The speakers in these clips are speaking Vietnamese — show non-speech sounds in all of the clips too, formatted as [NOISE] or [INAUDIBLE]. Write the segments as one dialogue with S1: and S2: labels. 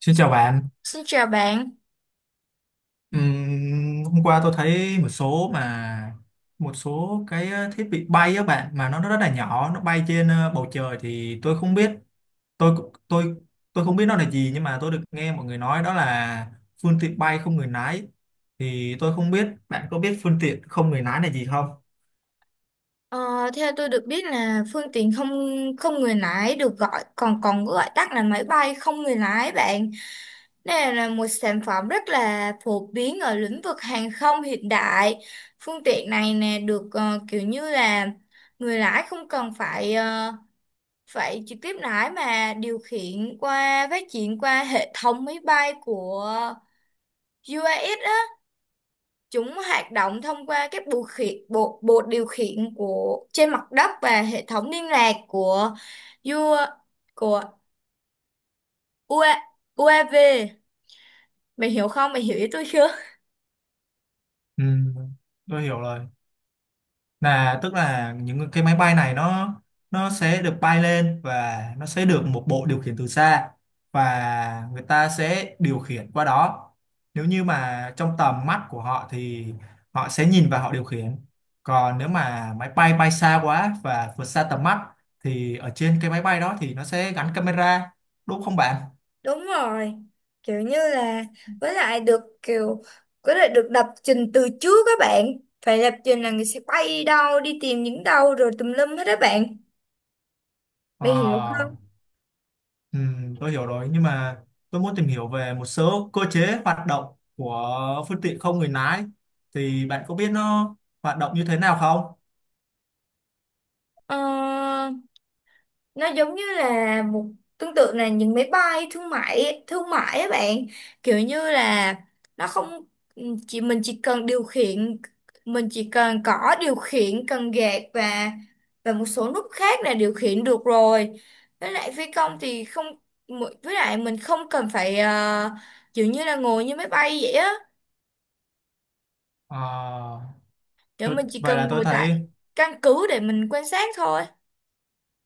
S1: Xin chào bạn.
S2: Xin chào bạn.
S1: Hôm qua tôi thấy một số cái thiết bị bay á bạn mà nó rất là nhỏ, nó bay trên bầu trời thì tôi không biết, tôi cũng- tôi không biết nó là gì nhưng mà tôi được nghe mọi người nói đó là phương tiện bay không người lái. Thì tôi không biết bạn có biết phương tiện không người lái là gì không?
S2: Ờ, Theo tôi được biết là phương tiện không không người lái được gọi còn còn gọi tắt là máy bay không người lái bạn. Đây là một sản phẩm rất là phổ biến ở lĩnh vực hàng không hiện đại. Phương tiện này nè được kiểu như là người lái không cần phải trực tiếp lái mà điều khiển qua phát triển qua hệ thống máy bay của UAE. Chúng hoạt động thông qua các bộ điều khiển của trên mặt đất và hệ thống liên lạc của U, của UA, UAV. Mày hiểu không? Mày hiểu ý tôi chưa? [LAUGHS]
S1: Ừm, tôi hiểu rồi. Tức là những cái máy bay này nó sẽ được bay lên và nó sẽ được một bộ điều khiển từ xa, và người ta sẽ điều khiển qua đó. Nếu như mà trong tầm mắt của họ thì họ sẽ nhìn và họ điều khiển, còn nếu mà máy bay bay xa quá và vượt xa tầm mắt thì ở trên cái máy bay đó thì nó sẽ gắn camera, đúng không bạn?
S2: Đúng rồi, kiểu như là với lại được kiểu với lại được lập trình từ trước các bạn. Phải lập trình là người sẽ bay đâu, đi tìm những đâu rồi tùm lum hết các bạn. Mày hiểu
S1: Ờ.
S2: không?
S1: Ừ, tôi hiểu rồi nhưng mà tôi muốn tìm hiểu về một số cơ chế hoạt động của phương tiện không người lái, thì bạn có biết nó hoạt động như thế nào không?
S2: Ờ, nó giống như là tương tự là những máy bay thương mại ấy bạn, kiểu như là nó không, ừ, chỉ cần điều khiển, mình chỉ cần có điều khiển cần gạt và một số nút khác là điều khiển được rồi, với lại phi công thì không, với lại mình không cần phải, kiểu như là ngồi như máy bay vậy á,
S1: Ờ,
S2: kiểu mình chỉ
S1: vậy là
S2: cần
S1: tôi
S2: ngồi tại
S1: thấy
S2: căn cứ để mình quan sát thôi.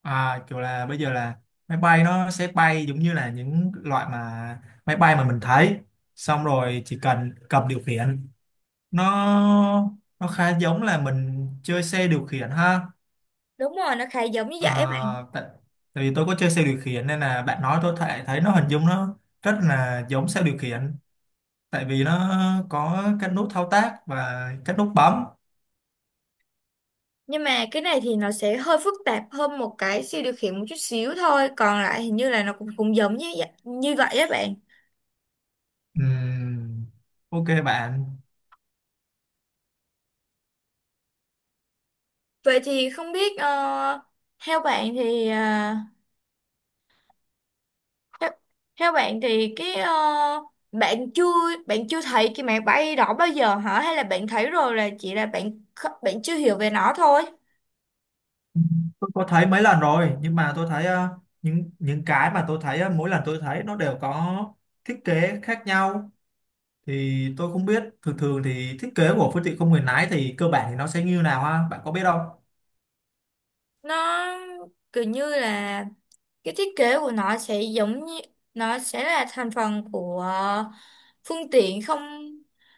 S1: kiểu là bây giờ là máy bay nó sẽ bay giống như là những loại mà máy bay mà mình thấy, xong rồi chỉ cần cầm điều khiển, nó nó khá giống là mình chơi xe điều khiển ha.
S2: Đúng rồi, nó khá giống như
S1: À,
S2: vậy á.
S1: tại, tại vì tôi có chơi xe điều khiển nên là bạn nói tôi thấy thấy nó, hình dung nó rất là giống xe điều khiển, tại vì nó có các nút thao tác và các nút bấm.
S2: Nhưng mà cái này thì nó sẽ hơi phức tạp hơn một cái siêu điều khiển một chút xíu thôi. Còn lại hình như là nó cũng cũng giống như vậy á bạn.
S1: Ừm, ok bạn.
S2: Vậy thì không biết, theo bạn thì, theo, theo bạn thì bạn chưa bạn chưa thấy cái máy bay đó bao giờ hả? Hay là bạn thấy rồi là chỉ là bạn chưa hiểu về nó thôi.
S1: Tôi có thấy mấy lần rồi nhưng mà tôi thấy những cái mà tôi thấy mỗi lần tôi thấy nó đều có thiết kế khác nhau, thì tôi không biết thường thường thì thiết kế của phương tiện không người lái thì cơ bản thì nó sẽ như nào ha, bạn có biết không?
S2: Nó kiểu như là cái thiết kế của nó sẽ giống như nó sẽ là thành phần của, phương tiện không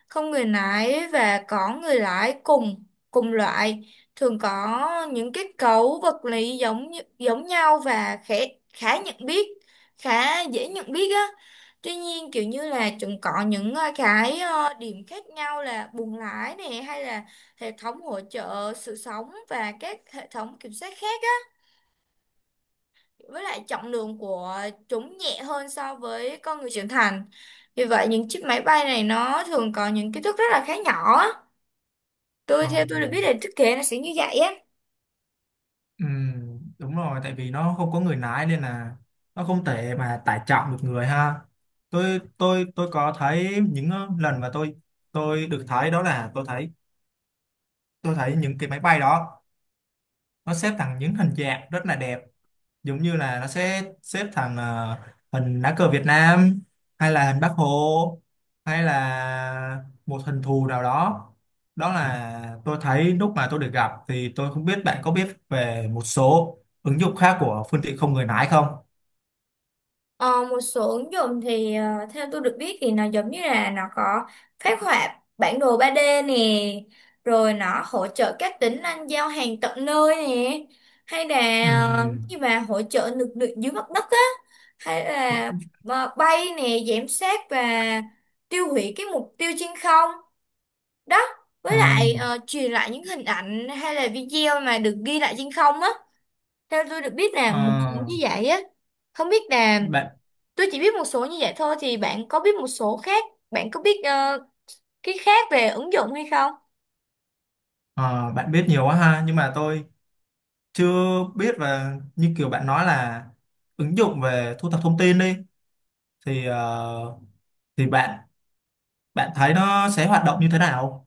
S2: không người lái và có người lái cùng cùng loại thường có những kết cấu vật lý giống nhau và khẽ khá nhận biết khá dễ nhận biết á, tuy nhiên kiểu như là chúng có những, điểm khác nhau là buồng lái này hay là hệ thống hỗ trợ sự sống và các hệ thống kiểm soát khác á, với lại trọng lượng của chúng nhẹ hơn so với con người trưởng thành. Vì vậy những chiếc máy bay này nó thường có những kích thước rất là khá nhỏ. Á.
S1: Ờ.
S2: Theo tôi được biết là thiết kế nó sẽ như vậy á.
S1: Ừ, đúng rồi, tại vì nó không có người lái nên là nó không thể mà tải trọng được người ha. Tôi có thấy những lần mà tôi được thấy, đó là tôi thấy những cái máy bay đó nó xếp thành những hình dạng rất là đẹp, giống như là nó sẽ xếp thằng hình lá cờ Việt Nam, hay là hình Bác Hồ, hay là một hình thù nào đó. Đó là tôi thấy lúc mà tôi được gặp, thì tôi không biết bạn có biết về một số ứng dụng khác của phương tiện không người lái không?
S2: Ờ, Một số ứng dụng thì, theo tôi được biết thì nó giống như là nó có phác họa bản đồ 3D nè, rồi nó hỗ trợ các tính năng giao hàng tận nơi nè, hay là,
S1: Ừm,
S2: như mà hỗ trợ lực lượng dưới mặt đất á, hay là, bay nè, giám sát và tiêu hủy cái mục tiêu trên không. Đó,
S1: ờ,
S2: với lại, truyền lại những hình ảnh hay là video mà được ghi lại trên không á. Theo tôi được biết là một số
S1: ờ,
S2: như vậy á. Không biết là
S1: bạn
S2: Tôi chỉ biết một số như vậy thôi thì bạn có biết một số khác, bạn có biết, cái khác về ứng dụng hay không?
S1: ờ, Bạn biết nhiều quá ha, nhưng mà tôi chưa biết. Và như kiểu bạn nói là ứng dụng về thu thập thông tin đi thì, ờ, thì bạn bạn thấy nó sẽ hoạt động như thế nào?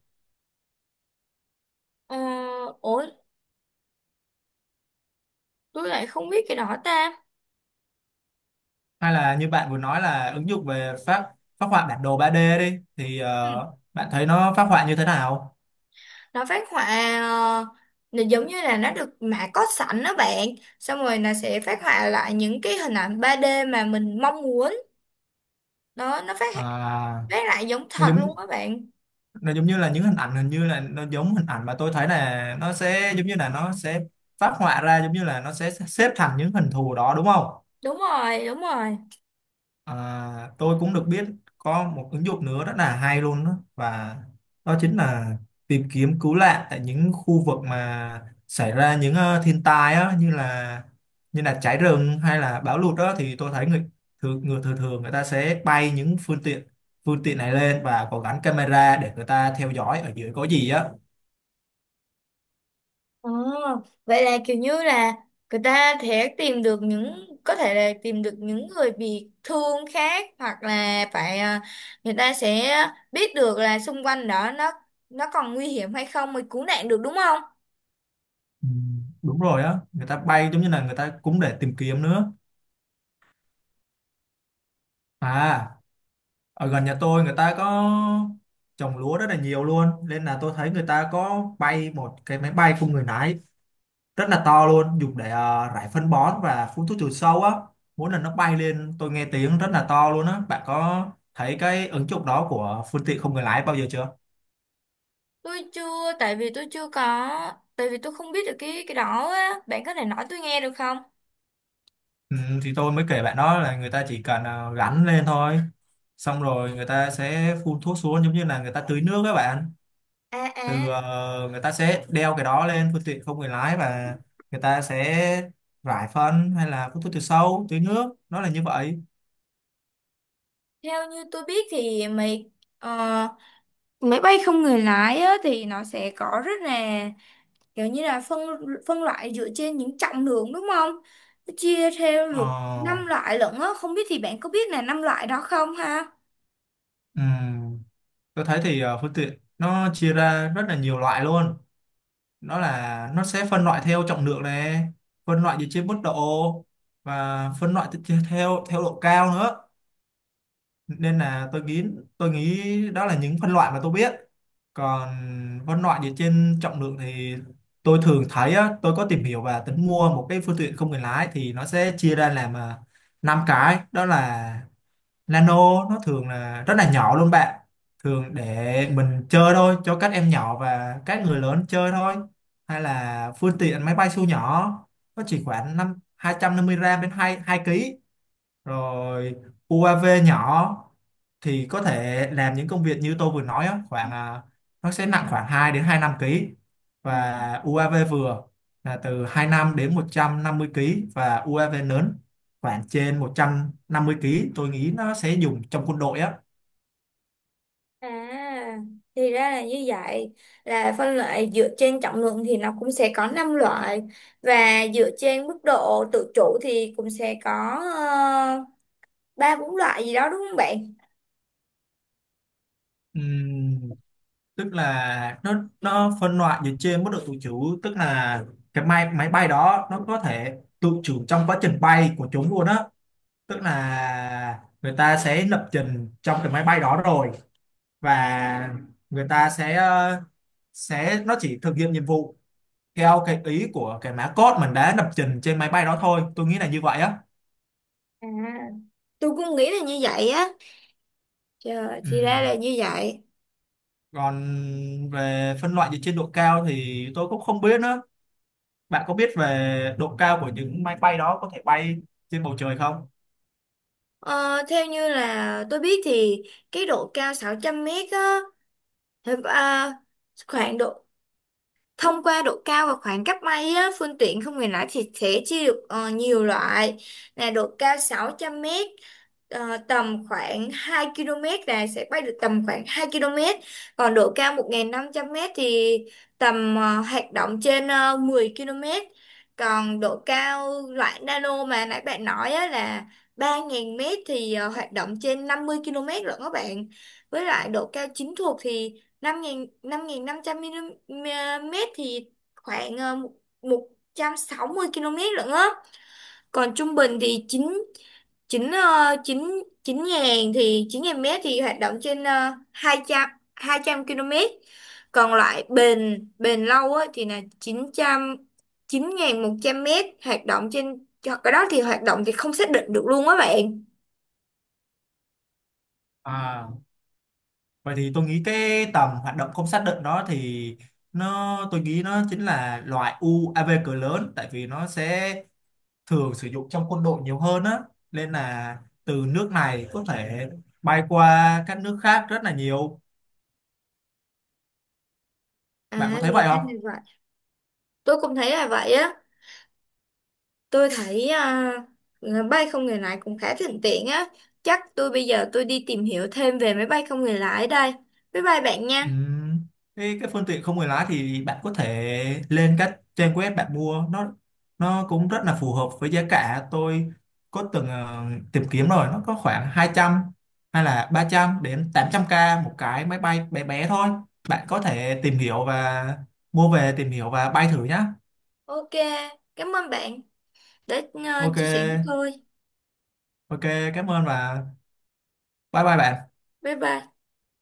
S2: Ờ, Ủa, tôi lại không biết cái đó ta.
S1: Hay là như bạn vừa nói là ứng dụng về phát phát họa bản đồ 3D đi, thì
S2: Ừ.
S1: bạn thấy nó phát họa như thế nào?
S2: Nó phát họa, ờ, là giống như là nó được mã có sẵn đó bạn. Xong rồi nó sẽ phát họa lại những cái hình ảnh 3D mà mình mong muốn. Đó, nó phát
S1: À,
S2: phát lại giống
S1: nó
S2: thật luôn
S1: giống
S2: đó bạn.
S1: nó giống như là những hình ảnh, hình như là nó giống hình ảnh mà tôi thấy, là nó sẽ giống như là nó sẽ phát họa ra giống như là nó sẽ xếp thành những hình thù đó đúng không?
S2: Đúng rồi, đúng rồi.
S1: À, tôi cũng được biết có một ứng dụng nữa rất là hay luôn đó, và đó chính là tìm kiếm cứu nạn tại những khu vực mà xảy ra những thiên tai á, như là cháy rừng hay là bão lụt đó, thì tôi thấy người thường thường người ta sẽ bay những phương tiện này lên và có gắn camera để người ta theo dõi ở dưới có gì á.
S2: Ồ, vậy là kiểu như là người ta sẽ tìm được có thể là tìm được những người bị thương khác hoặc là người ta sẽ biết được là xung quanh đó nó còn nguy hiểm hay không mới cứu nạn được đúng không?
S1: Ừ, đúng rồi á, người ta bay giống như là người ta cũng để tìm kiếm nữa. À, ở gần nhà tôi người ta có trồng lúa rất là nhiều luôn, nên là tôi thấy người ta có bay một cái máy bay không người lái rất là to luôn, dùng để rải phân bón và phun thuốc trừ sâu á. Mỗi lần nó bay lên tôi nghe tiếng rất là to luôn á, bạn có thấy cái ứng dụng đó của phương tiện không người lái bao giờ chưa?
S2: Tôi chưa, tại vì tôi chưa có, tại vì tôi không biết được cái đó á, bạn có thể nói tôi nghe được không?
S1: Ừ, thì tôi mới kể bạn đó là người ta chỉ cần gắn lên thôi, xong rồi người ta sẽ phun thuốc xuống giống như là người ta tưới nước các bạn.
S2: À à,
S1: Người ta sẽ đeo cái đó lên phương tiện không người lái và người ta sẽ rải phân hay là hút thuốc trừ sâu, tưới nước, nó là như vậy.
S2: theo như tôi biết thì ờ, máy bay không người lái á, thì nó sẽ có rất là kiểu như là phân phân loại dựa trên những trọng lượng đúng không? Nó chia theo
S1: ờ,
S2: được năm loại lận á, không biết thì bạn có biết là năm loại đó không ha?
S1: ừm, tôi thấy thì phương tiện nó chia ra rất là nhiều loại luôn, nó sẽ phân loại theo trọng lượng này, phân loại dựa trên mức độ, và phân loại theo theo theo độ cao nữa, nên là tôi nghĩ đó là những phân loại mà tôi biết. Còn phân loại dựa trên trọng lượng thì tôi thường thấy á, tôi có tìm hiểu và tính mua một cái phương tiện không người lái, thì nó sẽ chia ra làm năm cái, đó là nano, nó thường là rất là nhỏ luôn bạn, thường để mình chơi thôi, cho các em nhỏ và các người lớn chơi thôi. Hay là phương tiện máy bay siêu nhỏ, nó chỉ khoảng năm 250 gram đến 2 2 ký. Rồi UAV nhỏ thì có thể làm những công việc như tôi vừa nói á, khoảng nó sẽ nặng khoảng 2 đến 25 ký.
S2: Ừ.
S1: Và UAV vừa là từ 25 đến 150 ký, và UAV lớn khoảng trên 150 ký, tôi nghĩ nó sẽ dùng trong quân đội á.
S2: À, thì ra là như vậy, là phân loại dựa trên trọng lượng thì nó cũng sẽ có 5 loại và dựa trên mức độ tự chủ thì cũng sẽ có, ờ, ba bốn loại gì đó đúng không bạn?
S1: Ừm, tức là nó phân loại dựa trên mức độ tự chủ, tức là cái máy máy bay đó nó có thể tự chủ trong quá trình bay của chúng luôn á, tức là người ta sẽ lập trình trong cái máy bay đó rồi, và người ta sẽ chỉ thực hiện nhiệm vụ theo cái ý của cái mã code mình đã lập trình trên máy bay đó thôi, tôi nghĩ là như vậy á.
S2: À, tôi cũng nghĩ là như vậy á. Trời,
S1: Ừ.
S2: thì ra là như vậy.
S1: Còn về phân loại về trên độ cao thì tôi cũng không biết nữa, bạn có biết về độ cao của những máy bay đó có thể bay trên bầu trời không?
S2: Ờ, Theo như là tôi biết thì cái độ cao 600 mét á, thì, à, khoảng độ thông qua độ cao và khoảng cách bay á, phương tiện không người lái thì sẽ chia được, nhiều loại, là độ cao 600 mét, tầm khoảng 2 km là sẽ bay được tầm khoảng 2 km, còn độ cao 1.500 mét thì tầm, hoạt động trên, 10 km, còn độ cao loại nano mà nãy bạn nói á, là 3.000 mét thì, hoạt động trên 50 km rồi các bạn, với lại độ cao chính thuộc thì năm nghìn năm trăm mét thì khoảng, một một km lận á, còn trung bình thì chín chín ờ, chín chín ngàn thì 9.000 mét thì hoạt động trên, 200 km, còn loại bền bền lâu á thì là 9.100 mét hoạt động cho cái đó thì hoạt động thì không xác định được luôn á bạn.
S1: À, vậy thì tôi nghĩ cái tầm hoạt động không xác định đó thì tôi nghĩ nó chính là loại UAV cỡ lớn, tại vì nó sẽ thường sử dụng trong quân đội nhiều hơn á, nên là từ nước này có thể bay qua các nước khác rất là nhiều,
S2: À,
S1: bạn có thấy
S2: vì
S1: vậy
S2: thế
S1: không?
S2: này vậy. Tôi cũng thấy là vậy á. Tôi thấy à, bay không người lái cũng khá thuận tiện á. Chắc tôi bây giờ đi tìm hiểu thêm về máy bay không người lái đây. Bye bye bạn nha.
S1: Ừ. Cái phương tiện không người lái thì bạn có thể lên các trang web bạn mua nó cũng rất là phù hợp với giá cả. Tôi có từng tìm kiếm rồi, nó có khoảng 200 hay là 300 đến 800k một cái máy bay bé bé thôi, bạn có thể tìm hiểu và mua về tìm hiểu và bay thử nhá.
S2: Ok, cảm ơn bạn đã,
S1: Ok,
S2: chia sẻ với tôi.
S1: ok, cảm ơn và bye bye bạn.
S2: Bye bye.